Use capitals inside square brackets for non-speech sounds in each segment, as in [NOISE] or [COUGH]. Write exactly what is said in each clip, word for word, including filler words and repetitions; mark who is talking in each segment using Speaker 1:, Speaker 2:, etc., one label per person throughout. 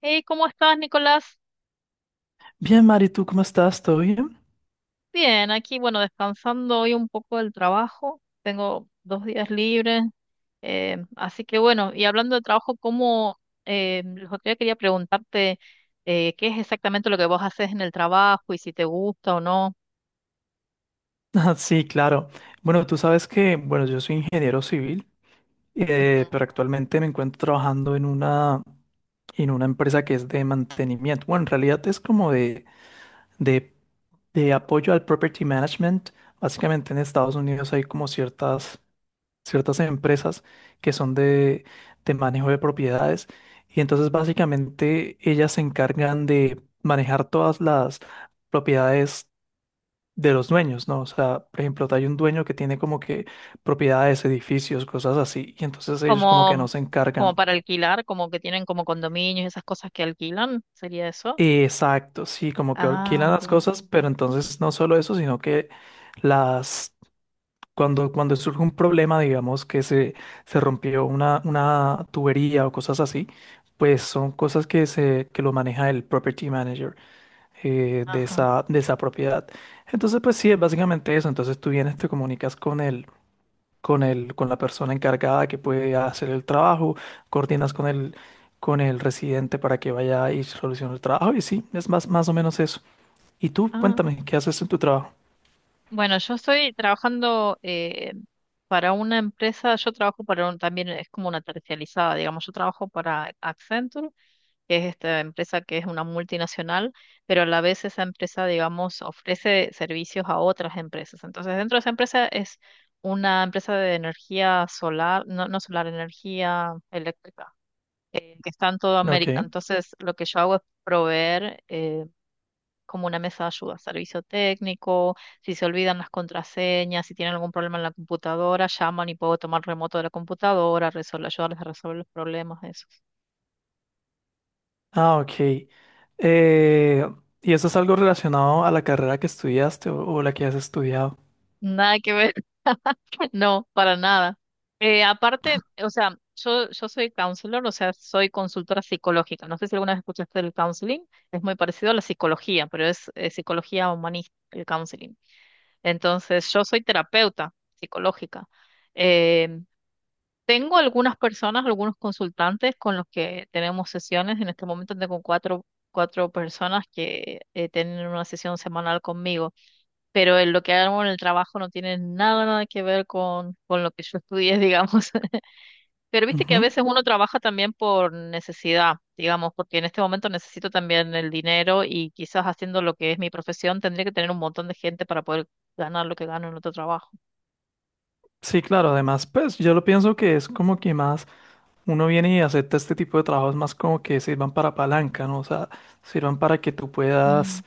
Speaker 1: Hey, ¿cómo estás, Nicolás?
Speaker 2: Bien, Mari, ¿tú cómo estás? ¿Todo bien?
Speaker 1: Bien, aquí, bueno, descansando hoy un poco del trabajo. Tengo dos días libres. Eh, así que bueno, y hablando de trabajo, ¿cómo, eh, lo que quería preguntarte, eh, ¿qué es exactamente lo que vos haces en el trabajo y si te gusta o no?
Speaker 2: [LAUGHS] Ah, sí, claro. Bueno, tú sabes que, bueno, yo soy ingeniero civil, eh,
Speaker 1: Ujú.
Speaker 2: pero actualmente me encuentro trabajando en una, en una empresa que es de mantenimiento. Bueno, en realidad es como de, de, de apoyo al property management. Básicamente en Estados Unidos hay como ciertas, ciertas empresas que son de, de manejo de propiedades, y entonces básicamente ellas se encargan de manejar todas las propiedades de los dueños, ¿no? O sea, por ejemplo, hay un dueño que tiene como que propiedades, edificios, cosas así, y entonces ellos como que no
Speaker 1: Como,
Speaker 2: se
Speaker 1: como
Speaker 2: encargan.
Speaker 1: para alquilar, como que tienen como condominios, esas cosas que alquilan, ¿sería eso?
Speaker 2: Exacto, sí, como que alquilan
Speaker 1: Ah,
Speaker 2: las
Speaker 1: bien.
Speaker 2: cosas, pero entonces no solo eso, sino que las... Cuando, cuando surge un problema, digamos que se, se rompió una, una tubería o cosas así, pues son cosas que, se, que lo maneja el property manager eh, de
Speaker 1: Ajá.
Speaker 2: esa, de esa propiedad. Entonces, pues sí, es básicamente eso. Entonces tú vienes, te comunicas con él, con el, con la persona encargada que puede hacer el trabajo, coordinas con el, con el residente para que vaya y solucione el trabajo. Y sí, es más, más o menos eso. Y tú,
Speaker 1: Ah,
Speaker 2: cuéntame, ¿qué haces en tu trabajo?
Speaker 1: bueno, yo estoy trabajando eh, para una empresa, yo trabajo para un, también es como una terciarizada, digamos, yo trabajo para Accenture, que es esta empresa que es una multinacional, pero a la vez esa empresa, digamos, ofrece servicios a otras empresas. Entonces, dentro de esa empresa es una empresa de energía solar, no, no solar, energía eléctrica, eh, que está en toda
Speaker 2: Ok.
Speaker 1: América. Entonces, lo que yo hago es proveer eh, como una mesa de ayuda, servicio técnico, si se olvidan las contraseñas, si tienen algún problema en la computadora, llaman y puedo tomar remoto de la computadora, resolver, ayudarles a resolver los problemas, eso.
Speaker 2: Ah, ok. Eh, ¿y eso es algo relacionado a la carrera que estudiaste o, o la que has estudiado?
Speaker 1: Nada que ver, [LAUGHS] no, para nada. Eh, aparte, o sea, yo, yo soy counselor, o sea, soy consultora psicológica. No sé si alguna vez escuchaste el counseling, es muy parecido a la psicología, pero es eh, psicología humanista, el counseling. Entonces, yo soy terapeuta psicológica. Em, Tengo algunas personas, algunos consultantes con los que tenemos sesiones. En este momento tengo cuatro, cuatro personas que eh, tienen una sesión semanal conmigo, pero en lo que hago en el trabajo no tiene nada, nada que ver con, con lo que yo estudié, [LAUGHS] digamos. Pero viste que a
Speaker 2: Ujú.
Speaker 1: veces uno trabaja también por necesidad, digamos, porque en este momento necesito también el dinero y quizás haciendo lo que es mi profesión tendría que tener un montón de gente para poder ganar lo que gano en otro trabajo.
Speaker 2: Sí, claro, además, pues yo lo pienso que es como que más uno viene y acepta este tipo de trabajos más como que sirvan para palanca, ¿no? O sea, sirvan para que tú puedas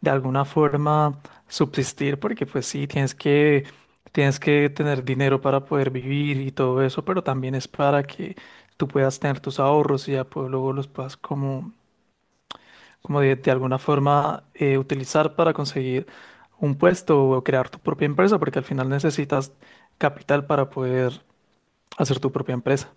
Speaker 2: de alguna forma subsistir, porque pues sí, tienes que, tienes que tener dinero para poder vivir y todo eso, pero también es para que tú puedas tener tus ahorros y ya pues, luego los puedas como, como de, de alguna forma eh, utilizar para conseguir un puesto o crear tu propia empresa, porque al final necesitas capital para poder hacer tu propia empresa.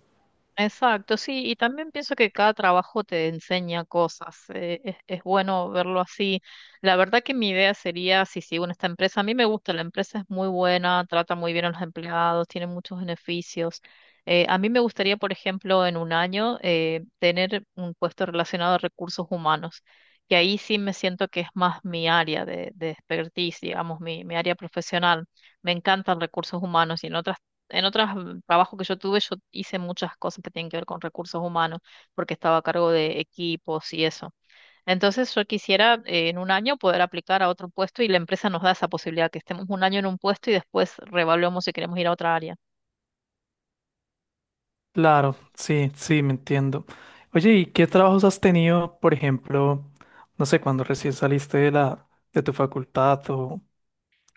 Speaker 1: Exacto, sí, y también pienso que cada trabajo te enseña cosas, eh, es, es bueno verlo así. La verdad que mi idea sería, si sigo en esta empresa, a mí me gusta, la empresa es muy buena, trata muy bien a los empleados, tiene muchos beneficios. Eh, a mí me gustaría, por ejemplo, en un año eh, tener un puesto relacionado a recursos humanos, que ahí sí me siento que es más mi área de, de expertise, digamos, mi, mi área profesional. Me encantan recursos humanos y en otras en otros mm, trabajos que yo tuve, yo hice muchas cosas que tienen que ver con recursos humanos, porque estaba a cargo de equipos y eso. Entonces yo quisiera eh, en un año poder aplicar a otro puesto y la empresa nos da esa posibilidad, que estemos un año en un puesto y después reevaluamos si queremos ir a otra área.
Speaker 2: Claro, sí, sí, me entiendo. Oye, ¿y qué trabajos has tenido, por ejemplo, no sé, cuando recién saliste de la, de tu facultad o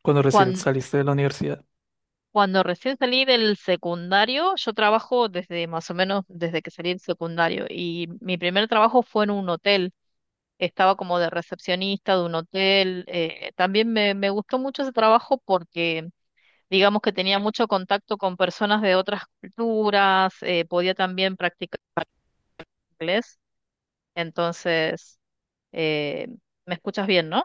Speaker 2: cuando recién
Speaker 1: Cuando,
Speaker 2: saliste de la universidad?
Speaker 1: cuando recién salí del secundario, yo trabajo desde más o menos desde que salí del secundario y mi primer trabajo fue en un hotel, estaba como de recepcionista de un hotel. Eh, también me, me gustó mucho ese trabajo porque digamos que tenía mucho contacto con personas de otras culturas, eh, podía también practicar inglés, entonces, eh, ¿me escuchas bien, no?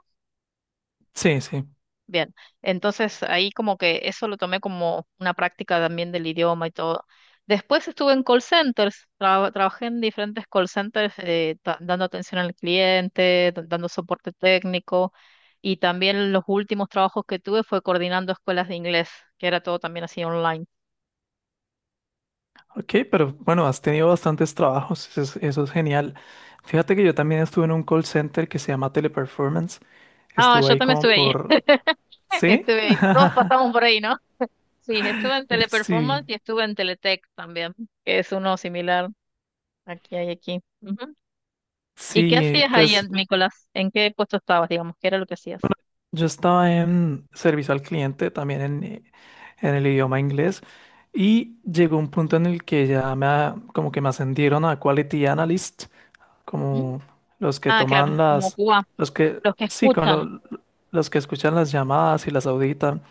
Speaker 2: Sí, sí.
Speaker 1: Bien, entonces ahí como que eso lo tomé como una práctica también del idioma y todo. Después estuve en call centers, tra- trabajé en diferentes call centers eh, ta- dando atención al cliente, da- dando soporte técnico y también los últimos trabajos que tuve fue coordinando escuelas de inglés, que era todo también así online.
Speaker 2: Ok, pero bueno, has tenido bastantes trabajos, eso es, eso es genial. Fíjate que yo también estuve en un call center que se llama Teleperformance.
Speaker 1: Ah,
Speaker 2: Estuve
Speaker 1: yo
Speaker 2: ahí
Speaker 1: también
Speaker 2: como
Speaker 1: estuve ahí.
Speaker 2: por... ¿Sí?
Speaker 1: Estuve, todos pasamos por ahí, ¿no? Sí, estuve en
Speaker 2: Uf, sí,
Speaker 1: Teleperformance y estuve en Teletech también, que es uno similar aquí hay aquí. Ujú. ¿Y qué
Speaker 2: sí,
Speaker 1: hacías ahí,
Speaker 2: pues
Speaker 1: en- Nicolás? ¿En qué puesto estabas, digamos? ¿Qué era lo que hacías?
Speaker 2: yo estaba en servicio al cliente, también en, eh, en el idioma inglés, y llegó un punto en el que ya me, a- como que me ascendieron a Quality Analyst,
Speaker 1: ¿Mm?
Speaker 2: como los que
Speaker 1: Ah,
Speaker 2: toman
Speaker 1: claro, como
Speaker 2: las,
Speaker 1: Cuba,
Speaker 2: los que,
Speaker 1: los que
Speaker 2: sí, con
Speaker 1: escuchan,
Speaker 2: lo- los que escuchan las llamadas y las auditan,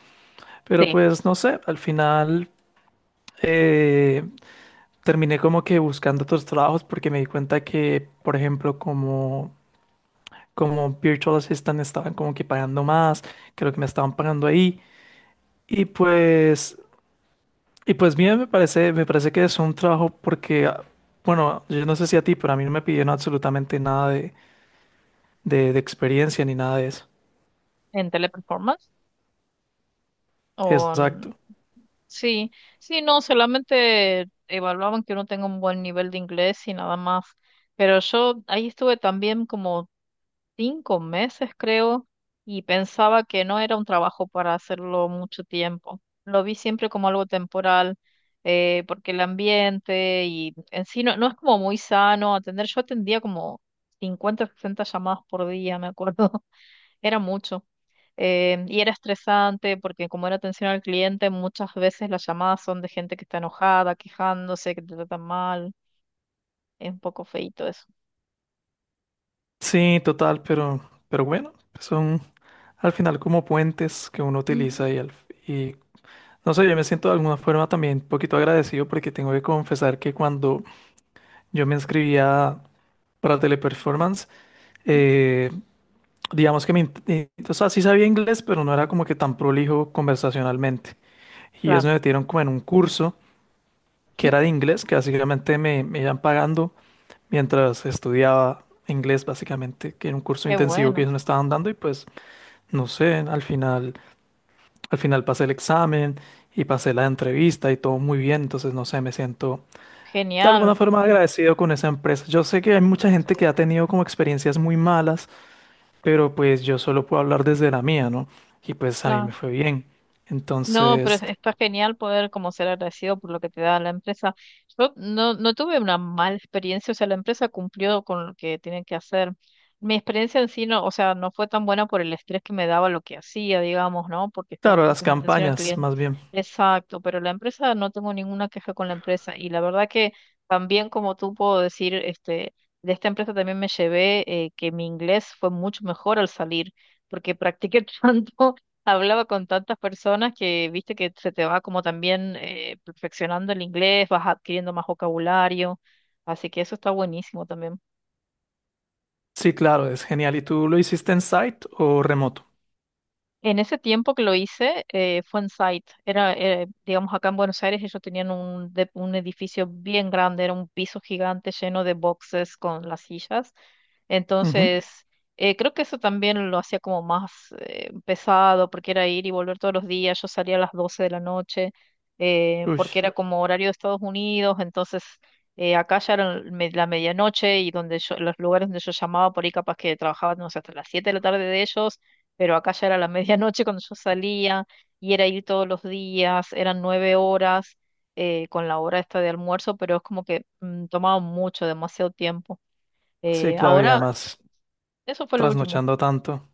Speaker 2: pero
Speaker 1: sí,
Speaker 2: pues no sé, al final eh, terminé como que buscando otros trabajos porque me di cuenta que, por ejemplo, como, como Virtual Assistant estaban como que pagando más que lo que me estaban pagando ahí. Y pues, y pues bien, me parece, me parece que es un trabajo porque, ah, bueno, yo no sé si a ti, pero a mí no me pidieron absolutamente nada de, de, de experiencia ni nada de eso.
Speaker 1: en Teleperformance o en-
Speaker 2: Exacto.
Speaker 1: sí, sí, no, solamente evaluaban que uno tenga un buen nivel de inglés y nada más. Pero yo ahí estuve también como cinco meses, creo, y pensaba que no era un trabajo para hacerlo mucho tiempo. Lo vi siempre como algo temporal, eh, porque el ambiente y en sí no, no es como muy sano atender. Yo atendía como cincuenta sesenta llamadas por día, me acuerdo, [LAUGHS] era mucho. Eh, y era estresante porque como era atención al cliente, muchas veces las llamadas son de gente que está enojada, quejándose, que te tratan mal. Es un poco feito eso.
Speaker 2: Sí, total, pero, pero bueno, son al final como puentes que uno
Speaker 1: Ujú.
Speaker 2: utiliza y, al- y no sé, yo me siento de alguna forma también un poquito agradecido porque tengo que confesar que cuando yo me inscribía para Teleperformance, eh, digamos que me, int- eh, o sea, sí sabía inglés, pero no era como que tan prolijo conversacionalmente. Y eso
Speaker 1: Claro.
Speaker 2: me metieron como en un curso que
Speaker 1: Ujú.
Speaker 2: era de inglés, que básicamente me, me iban pagando mientras estudiaba inglés, básicamente, que era un curso
Speaker 1: Qué
Speaker 2: intensivo que
Speaker 1: bueno,
Speaker 2: ellos me estaban dando y pues, no sé, al final, al final pasé el examen y pasé la entrevista y todo muy bien, entonces, no sé, me siento de alguna
Speaker 1: genial.
Speaker 2: forma agradecido con esa empresa. Yo sé que hay mucha gente que ha
Speaker 1: Seguro.
Speaker 2: tenido como experiencias muy malas, pero pues yo solo puedo hablar desde la mía, ¿no? Y pues a mí
Speaker 1: Claro.
Speaker 2: me fue bien.
Speaker 1: No, pero
Speaker 2: Entonces,
Speaker 1: está genial poder como ser agradecido por lo que te da la empresa. Yo no, no tuve una mala experiencia, o sea, la empresa cumplió con lo que tiene que hacer. Mi experiencia en sí no, o sea, no fue tan buena por el estrés que me daba lo que hacía, digamos, ¿no? Porque estaba
Speaker 2: claro, las
Speaker 1: puesto una Mm, atención al
Speaker 2: campañas,
Speaker 1: cliente.
Speaker 2: más bien.
Speaker 1: Exacto, pero la empresa, no tengo ninguna queja con la empresa. Y la verdad que también como tú puedo decir, este, de esta empresa también me llevé eh, que mi inglés fue mucho mejor al salir porque practiqué [LAUGHS] tanto, hablaba con tantas personas que viste que se te va como también eh, perfeccionando el inglés, vas adquiriendo más vocabulario, así que eso está buenísimo también.
Speaker 2: Sí, claro, es genial. ¿Y tú lo hiciste en site o remoto?
Speaker 1: En ese tiempo que lo hice, eh, fue en site. Era, eh, digamos, acá en Buenos Aires ellos tenían un, de- un edificio bien grande, era un piso gigante lleno de boxes con las sillas.
Speaker 2: Ujú.
Speaker 1: Entonces, eh, creo que eso también lo hacía como más eh, pesado, porque era ir y volver todos los días. Yo salía a las doce de la noche, eh,
Speaker 2: Uy,
Speaker 1: porque era como horario de Estados Unidos. Entonces, eh, acá ya era el me- la medianoche y donde yo, los lugares donde yo llamaba por ahí, capaz que trabajaban no sé, hasta las siete de la tarde de ellos, pero acá ya era la [LAUGHS] medianoche cuando yo salía y era ir todos los días, eran nueve horas eh, con la hora esta de almuerzo, pero es como que mm, tomaba mucho, demasiado tiempo.
Speaker 2: sí,
Speaker 1: Eh,
Speaker 2: claro, y
Speaker 1: ahora,
Speaker 2: además
Speaker 1: eso fue lo último.
Speaker 2: trasnochando tanto.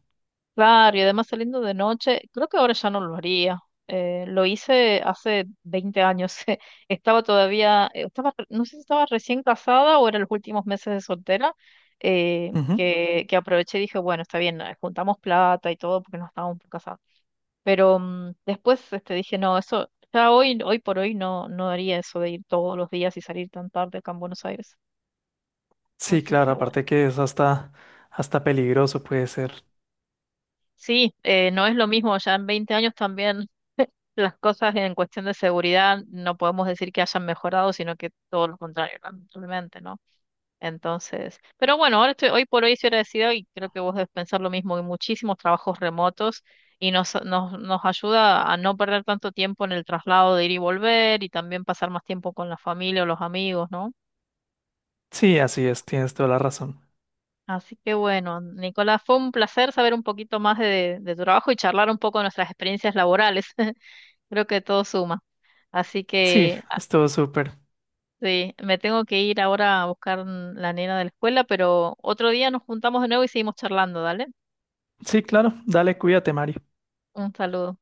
Speaker 1: Claro, y además saliendo de noche, creo que ahora ya no lo haría. Eh, lo hice hace veinte años. [LAUGHS] Estaba todavía, eh, estaba, re- no sé si estaba recién casada o eran los últimos meses de soltera, eh,
Speaker 2: Ujú.
Speaker 1: que, que aproveché y dije, bueno, está bien, eh, juntamos plata y todo porque no estábamos casados, pero mm, después este, dije, no, eso, ya hoy, hoy por hoy no, no haría eso de ir todos los días y salir tan tarde acá en Buenos Aires.
Speaker 2: Sí,
Speaker 1: Así
Speaker 2: claro,
Speaker 1: que bueno.
Speaker 2: aparte que es hasta, hasta peligroso puede ser.
Speaker 1: Sí, eh, no es lo mismo, ya en veinte años también las cosas en cuestión de seguridad no podemos decir que hayan mejorado, sino que todo lo contrario, lamentablemente, ¿no? Entonces, pero bueno, ahora estoy, hoy por hoy estoy agradecida y creo que vos debes pensar lo mismo. Hay muchísimos trabajos remotos y nos, nos, nos ayuda a no perder tanto tiempo en el traslado de ir y volver y también pasar más tiempo con la familia o los amigos, ¿no?
Speaker 2: Sí, así es, tienes toda la razón.
Speaker 1: Así que bueno, Nicolás, fue un placer saber un poquito más de, de tu trabajo y charlar un poco de nuestras experiencias laborales. [LAUGHS] Creo que todo suma. Así
Speaker 2: Sí,
Speaker 1: que ah,
Speaker 2: estuvo súper.
Speaker 1: sí, me tengo que ir ahora a buscar mm, la nena de la escuela, pero otro día nos juntamos de nuevo y seguimos charlando, ¿dale?
Speaker 2: Sí, claro, dale, cuídate, Mari.
Speaker 1: Un saludo.